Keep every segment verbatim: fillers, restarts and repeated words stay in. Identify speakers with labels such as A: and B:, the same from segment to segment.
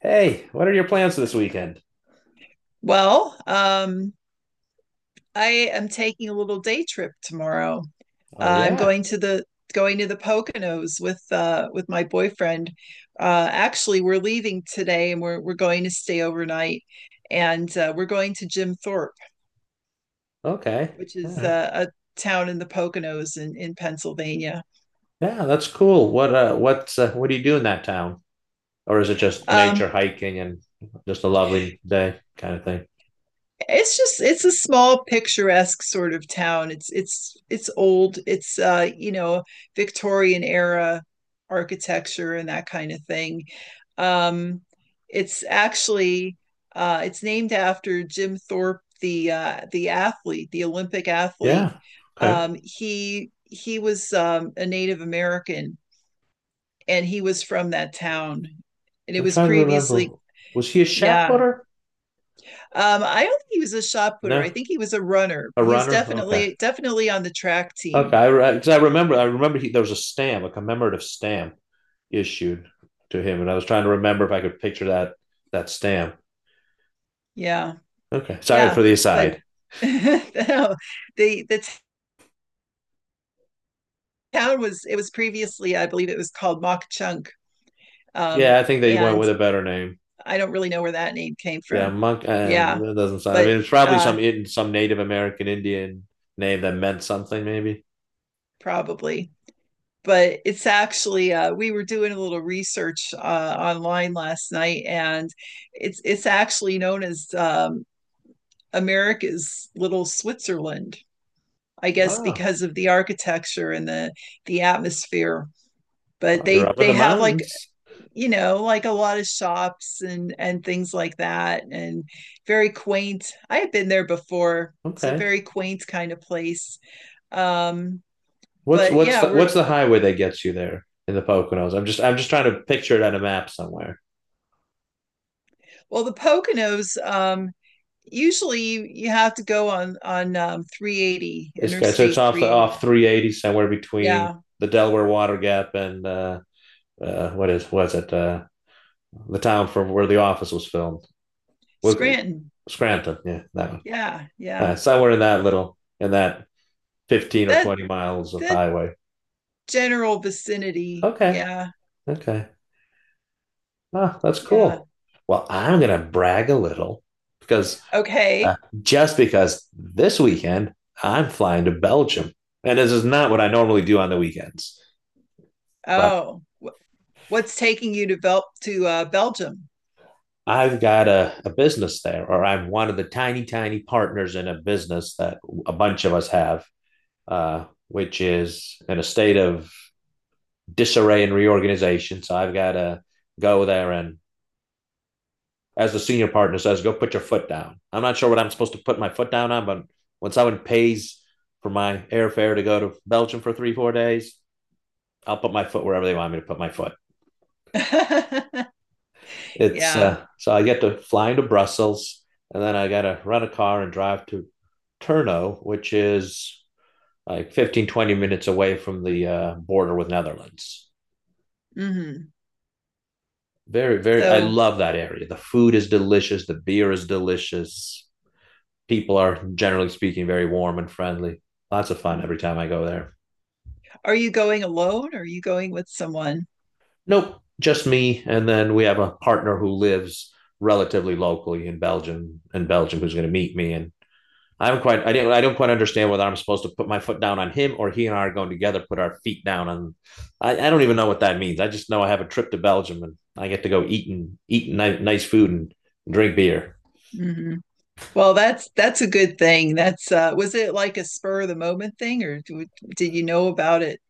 A: Hey, what are your plans this weekend?
B: Well, um, I am taking a little day trip tomorrow. Uh,
A: Oh
B: I'm
A: yeah.
B: going to the going to the Poconos with uh, with my boyfriend. Uh, actually, we're leaving today, and we're we're going to stay overnight, and uh, we're going to Jim Thorpe,
A: Okay.
B: which
A: All
B: is
A: right.
B: uh, a town in the Poconos in in Pennsylvania.
A: Yeah, that's cool. What uh what's uh, what do you do in that town? Or is it just nature
B: Um,
A: hiking and just a lovely day kind of thing?
B: It's just it's a small picturesque sort of town. It's it's it's old. It's uh, you know, Victorian era architecture and that kind of thing. Um, it's actually uh, it's named after Jim Thorpe, the uh, the athlete, the Olympic athlete.
A: Yeah. Okay.
B: Um, he he was um, a Native American, and he was from that town, and it
A: I'm
B: was
A: trying to remember.
B: previously
A: Was he a shot
B: yeah
A: putter?
B: um, I don't think he was a shot putter. I
A: No.
B: think he was a runner.
A: A
B: He was
A: runner? Okay.
B: definitely definitely on the track
A: Okay,
B: team.
A: I because I I remember I
B: Yeah.
A: remember he, there was a stamp, a commemorative stamp issued to him, and I was trying to remember if I could picture that that stamp.
B: Yeah.
A: Okay. Sorry
B: Yeah.
A: for the
B: But
A: aside.
B: the the town was it was previously, I believe it was called Mok Chunk. Um,
A: Yeah, I think they went
B: and
A: with a better name.
B: I don't really know where that name came
A: Yeah,
B: from.
A: monk. Um,
B: Yeah.
A: that doesn't sound. I
B: But
A: mean, it's probably
B: uh
A: some some Native American Indian name that meant something. Maybe.
B: probably. But it's actually uh, we were doing a little research uh, online last night, and it's it's actually known as um, America's little Switzerland, I guess
A: Wow.
B: because of the architecture and the the atmosphere. But
A: Oh, you're
B: they
A: up in
B: they
A: the
B: have like
A: mountains.
B: you know like a lot of shops and and things like that and very quaint. I have been there before. It's a
A: Okay.
B: very quaint kind of place. Um
A: What's
B: but
A: what's
B: yeah,
A: the
B: we're
A: what's the highway that gets you there in the Poconos? I'm just I'm just trying to picture it on a map somewhere.
B: well the Poconos um usually you have to go on on um three eighty
A: It's okay. So it's
B: interstate
A: off the
B: three eighty.
A: off three eighty somewhere between
B: Yeah.
A: the Delaware Water Gap and uh, uh, what is was it uh, the town from where the Office was filmed? Wick-
B: Scranton.
A: Scranton. Yeah, that one.
B: Yeah,
A: Uh,
B: yeah
A: somewhere in that little in that fifteen or
B: that
A: twenty miles of
B: the
A: highway.
B: general vicinity.
A: Okay.
B: Yeah,
A: Okay. Ah, that's
B: yeah.
A: cool. Well, I'm going to brag a little because uh,
B: Okay.
A: just because this weekend I'm flying to Belgium. And this is not what I normally do on the weekends, but
B: Oh, wh- what's taking you to Bel- to uh, Belgium?
A: I've got a, a business there, or I'm one of the tiny, tiny partners in a business that a bunch of us have, uh, which is in a state of disarray and reorganization. So I've got to go there and, as a senior partner says, go put your foot down. I'm not sure what I'm supposed to put my foot down on, but when someone pays for my airfare to go to Belgium for three, four days, I'll put my foot wherever they want me to put my foot. It's
B: Yeah.
A: uh, so I get to fly into Brussels and then I got to rent a car and drive to Turno, which is like fifteen twenty minutes away from the uh, border with Netherlands.
B: Hmm.
A: Very, very, I
B: So,
A: love that area. The food is delicious. The beer is delicious. People are generally speaking very warm and friendly. Lots of fun every time I go there.
B: are you going alone? Or are you going with someone?
A: Nope, just me. And then we have a partner who lives relatively locally in Belgium, in Belgium, who's going to meet me. And I haven't quite, I didn't, I don't quite understand whether I'm supposed to put my foot down on him or he and I are going together, put our feet down on. I, I don't even know what that means. I just know I have a trip to Belgium and I get to go eat and eat ni- nice food and drink beer.
B: Hmm. Well, that's that's a good thing. That's uh, was it like a spur of the moment thing, or do, did you know about it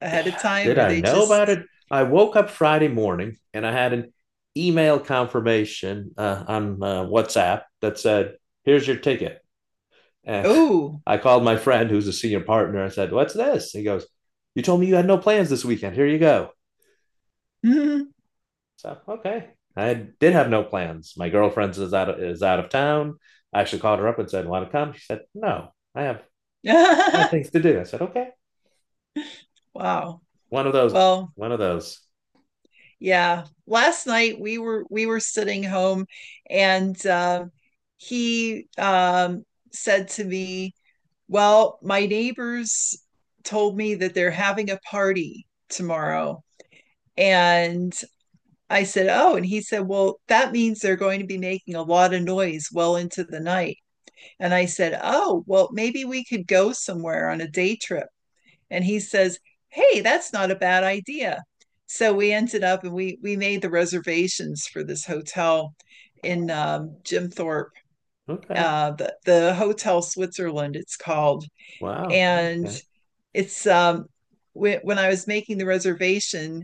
B: ahead of time,
A: Did
B: or
A: I
B: they
A: know about
B: just
A: it? I woke up Friday morning and I had an email confirmation uh, on uh, WhatsApp that said, "Here's your ticket." And
B: oh,
A: I called my friend who's a senior partner. I said, "What's this?" He goes, "You told me you had no plans this weekend. Here you go."
B: hmm
A: So, okay, I did have no plans. My girlfriend is out of, is out of town. I actually called her up and said, "Want to come?" She said, "No, I have I have things to do." I said, "Okay,
B: wow.
A: one of those,
B: Well,
A: one of those."
B: yeah last night we were we were sitting home and uh, he um, said to me well my neighbors told me that they're having a party tomorrow and I said oh and he said well that means they're going to be making a lot of noise well into the night and I said oh well maybe we could go somewhere on a day trip and he says, hey, that's not a bad idea. So we ended up and we we made the reservations for this hotel in um, Jim Thorpe,
A: Okay,
B: uh, the, the Hotel Switzerland, it's called.
A: wow,
B: And
A: okay.
B: it's um, when, when I was making the reservation,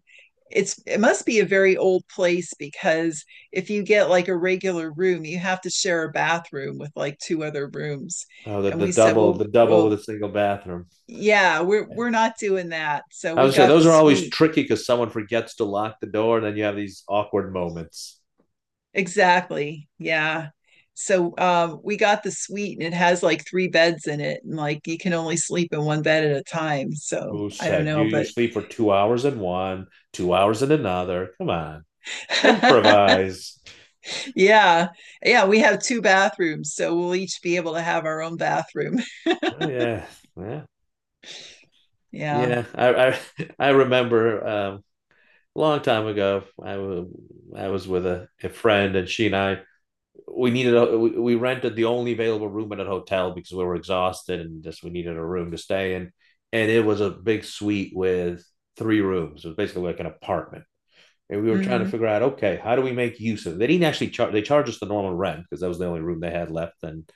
B: it's it must be a very old place because if you get like a regular room, you have to share a bathroom with like two other rooms.
A: Oh, the,
B: And
A: the
B: we said,
A: double,
B: well,
A: the double with
B: well,
A: a single bathroom.
B: yeah, we're we're not doing that. So
A: I
B: we
A: would say
B: got the
A: those are always
B: suite.
A: tricky because someone forgets to lock the door, and then you have these awkward moments.
B: Exactly. Yeah. So um we got the suite and it has like three beds in it and like you can only sleep in one bed at a time. So
A: Who
B: I don't
A: said you
B: know,
A: you
B: but
A: sleep for two hours in one, two hours in another? Come on, improvise.
B: yeah. Yeah, we have two bathrooms, so we'll each be able to have our own bathroom.
A: Oh, yeah, yeah,
B: Yeah.
A: yeah. I I, I remember um, a long time ago. I wa- I was with a, a friend, and she and I we needed a we, we rented the only available room at a hotel because we were exhausted and just we needed a room to stay in. And it was a big suite with three rooms. It was basically like an apartment, and we were trying to
B: Hmm.
A: figure out, okay, how do we make use of it. They didn't actually charge, they charged us the normal rent because that was the only room they had left. and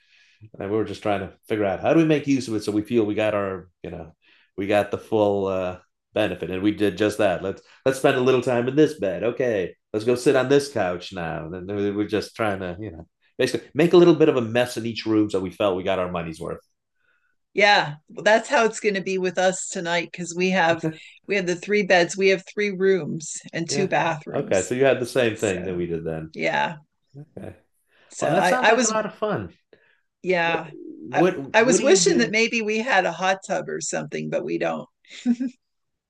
A: and we were just trying to figure out how do we make use of it so we feel we got our, you know we got the full uh, benefit. And we did just that. Let's let's spend a little time in this bed. Okay, let's go sit on this couch now, and then we're just trying to, you know basically make a little bit of a mess in each room so we felt we got our money's worth.
B: Yeah, well, that's how it's going to be with us tonight because we have we have the three beds, we have three rooms and
A: Yeah,
B: two
A: okay, so
B: bathrooms.
A: you had the same
B: So,
A: thing that we did then.
B: yeah.
A: Okay. Well,
B: So
A: that
B: I,
A: sounds
B: I
A: like a
B: was,
A: lot of fun. what
B: yeah, I,
A: what
B: I
A: what
B: was
A: do you
B: wishing that
A: do?
B: maybe we had a hot tub or something, but we don't.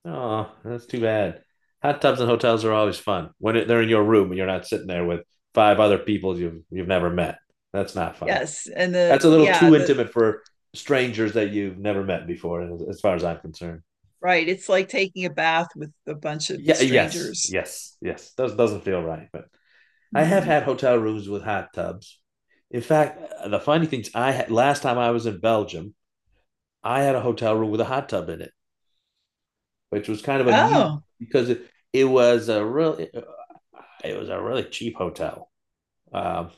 A: Oh, that's too bad. Hot tubs and hotels are always fun when it, they're in your room and you're not sitting there with five other people you've you've never met. That's not fun.
B: Yes. And
A: That's
B: the,
A: a little
B: yeah,
A: too
B: the,
A: intimate for strangers that you've never met before, as far as I'm concerned.
B: right. It's like taking a bath with a bunch of
A: Yeah, yes,
B: strangers.
A: yes, yes. Does doesn't feel right, but I have
B: Mhm.
A: had hotel rooms with hot tubs. In fact, the funny things I had last time I was in Belgium, I had a hotel room with a hot tub in it, which was kind of amusing
B: Oh,
A: because it, it was a real it was a really cheap hotel. Um,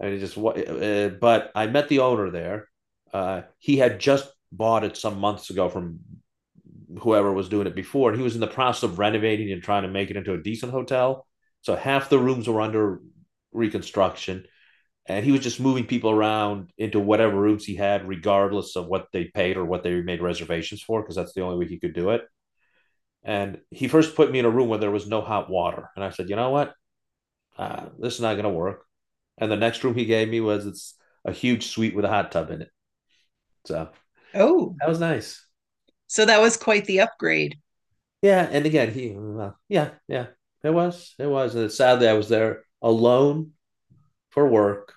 A: and it just what, uh, but I met the owner there. Uh, he had just bought it some months ago from whoever was doing it before, and he was in the process of renovating and trying to make it into a decent hotel. So half the rooms were under reconstruction, and he was just moving people around into whatever rooms he had, regardless of what they paid or what they made reservations for, because that's the only way he could do it. And he first put me in a room where there was no hot water, and I said, you know what? Uh, this is not going to work. And the next room he gave me was it's a huge suite with a hot tub in it. So
B: oh.
A: that was nice.
B: So that was quite the upgrade.
A: Yeah. And again, he, uh, yeah, yeah, it was. It was. And sadly, I was there alone for work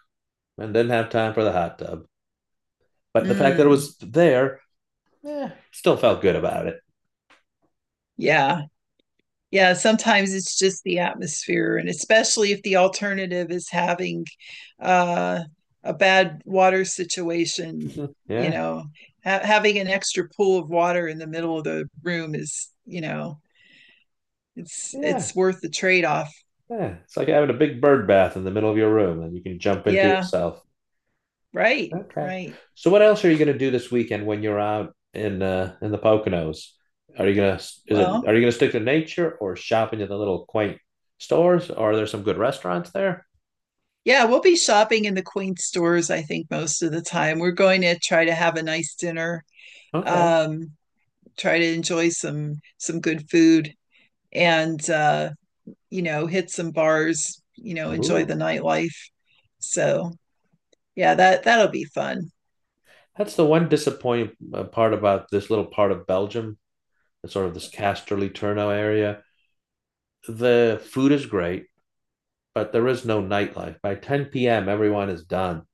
A: and didn't have time for the hot tub. But the fact that it
B: Mm,
A: was there, eh, still felt good about it.
B: yeah. Yeah, sometimes it's just the atmosphere and especially if the alternative is having uh, a bad water situation you
A: Yeah.
B: know ha- having an extra pool of water in the middle of the room is you know it's
A: Yeah.
B: it's worth the trade-off
A: Yeah, it's like having a big bird bath in the middle of your room and you can jump into
B: yeah
A: yourself.
B: right
A: Okay.
B: right
A: So what else are you going to do this weekend when you're out in uh, in the Poconos? Are you gonna is it
B: well
A: are you gonna stick to nature or shopping at the little quaint stores? Or are there some good restaurants there?
B: yeah we'll be shopping in the queen stores I think most of the time we're going to try to have a nice dinner
A: Okay.
B: um try to enjoy some some good food and uh you know, hit some bars, you know, enjoy the
A: Ooh.
B: nightlife. So yeah, that that'll be fun.
A: That's the one disappointing uh, part about this little part of Belgium. It's sort of this Casterly Turno area. The food is great, but there is no nightlife. By ten p m, everyone is done.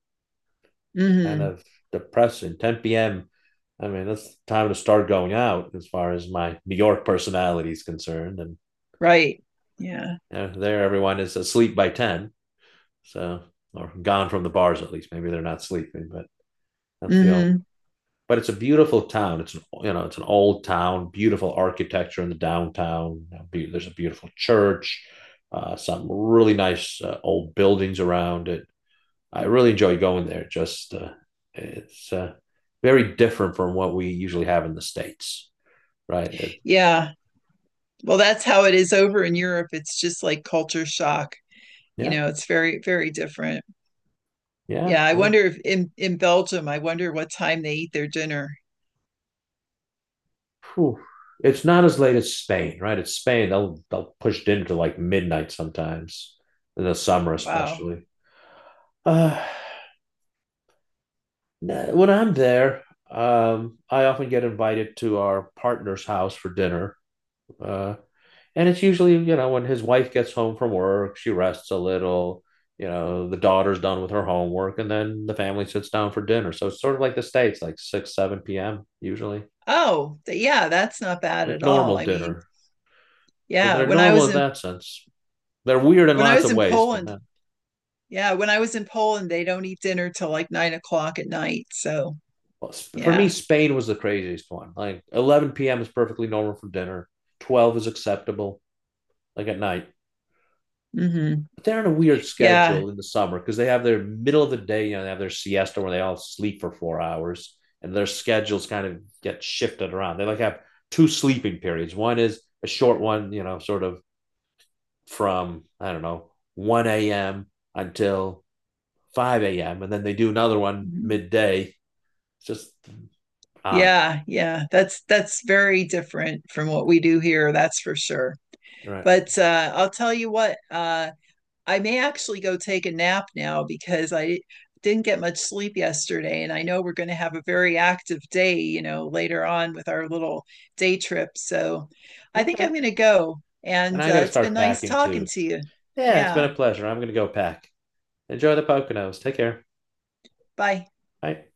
A: Kind
B: Hmm.
A: of depressing. ten p m. I mean, that's time to start going out as far as my New York personality is concerned. And,
B: Right. Yeah.
A: you know, there, everyone is asleep by ten. So, or gone from the bars at least. Maybe they're not sleeping, but that's the only.
B: Hmm.
A: But it's a beautiful town. It's an you know it's an old town, beautiful architecture in the downtown. There's a beautiful church, uh, some really nice uh, old buildings around it. I really enjoy going there. Just uh, it's uh, very different from what we usually have in the States, right? It,
B: Yeah. Well, that's how it is over in Europe. It's just like culture shock. You
A: yeah,
B: know, it's very, very different.
A: yeah.
B: Yeah. I
A: uh,
B: wonder if in, in Belgium, I wonder what time they eat their dinner.
A: Whew. It's not as late as Spain, right? It's Spain. They'll they'll push dinner to like midnight sometimes in the summer,
B: Wow.
A: especially. Uh, nah, when I'm there, um, I often get invited to our partner's house for dinner. Uh, And it's usually, you know, when his wife gets home from work, she rests a little, you know, the daughter's done with her homework, and then the family sits down for dinner. So it's sort of like the States, like six, seven p m usually,
B: Oh, th- yeah, that's not bad
A: like
B: at all.
A: normal
B: I mean,
A: dinner. So
B: yeah,
A: they're
B: when I
A: normal
B: was
A: in
B: in
A: that sense. They're weird in
B: when I
A: lots
B: was
A: of
B: in
A: ways, but
B: Poland,
A: not.
B: yeah, when I was in Poland, they don't eat dinner till like nine o'clock at night. So
A: Well, for me,
B: yeah,
A: Spain was the craziest one. Like eleven p m is perfectly normal for dinner. twelve is acceptable, like at night.
B: hmm
A: But they're on a weird
B: yeah,
A: schedule in the summer because they have their middle of the day, you know, they have their siesta where they all sleep for four hours and their schedules kind of get shifted around. They like have two sleeping periods. One is a short one, you know, sort of from, I don't know, one a m until five a m. And then they do another one
B: Mhm.
A: midday. It's just odd.
B: yeah, yeah. That's that's very different from what we do here. That's for sure.
A: Right.
B: But uh, I'll tell you what. Uh, I may actually go take a nap now because I didn't get much sleep yesterday. And I know we're going to have a very active day, you know, later on with our little day trip. So I think I'm
A: Okay.
B: going to go.
A: And
B: And
A: I got
B: uh,
A: to
B: it's
A: start
B: been nice
A: packing
B: talking
A: too.
B: to you.
A: Yeah, it's been
B: Yeah.
A: a pleasure. I'm going to go pack. Enjoy the Poconos. Take care.
B: Bye.
A: Bye.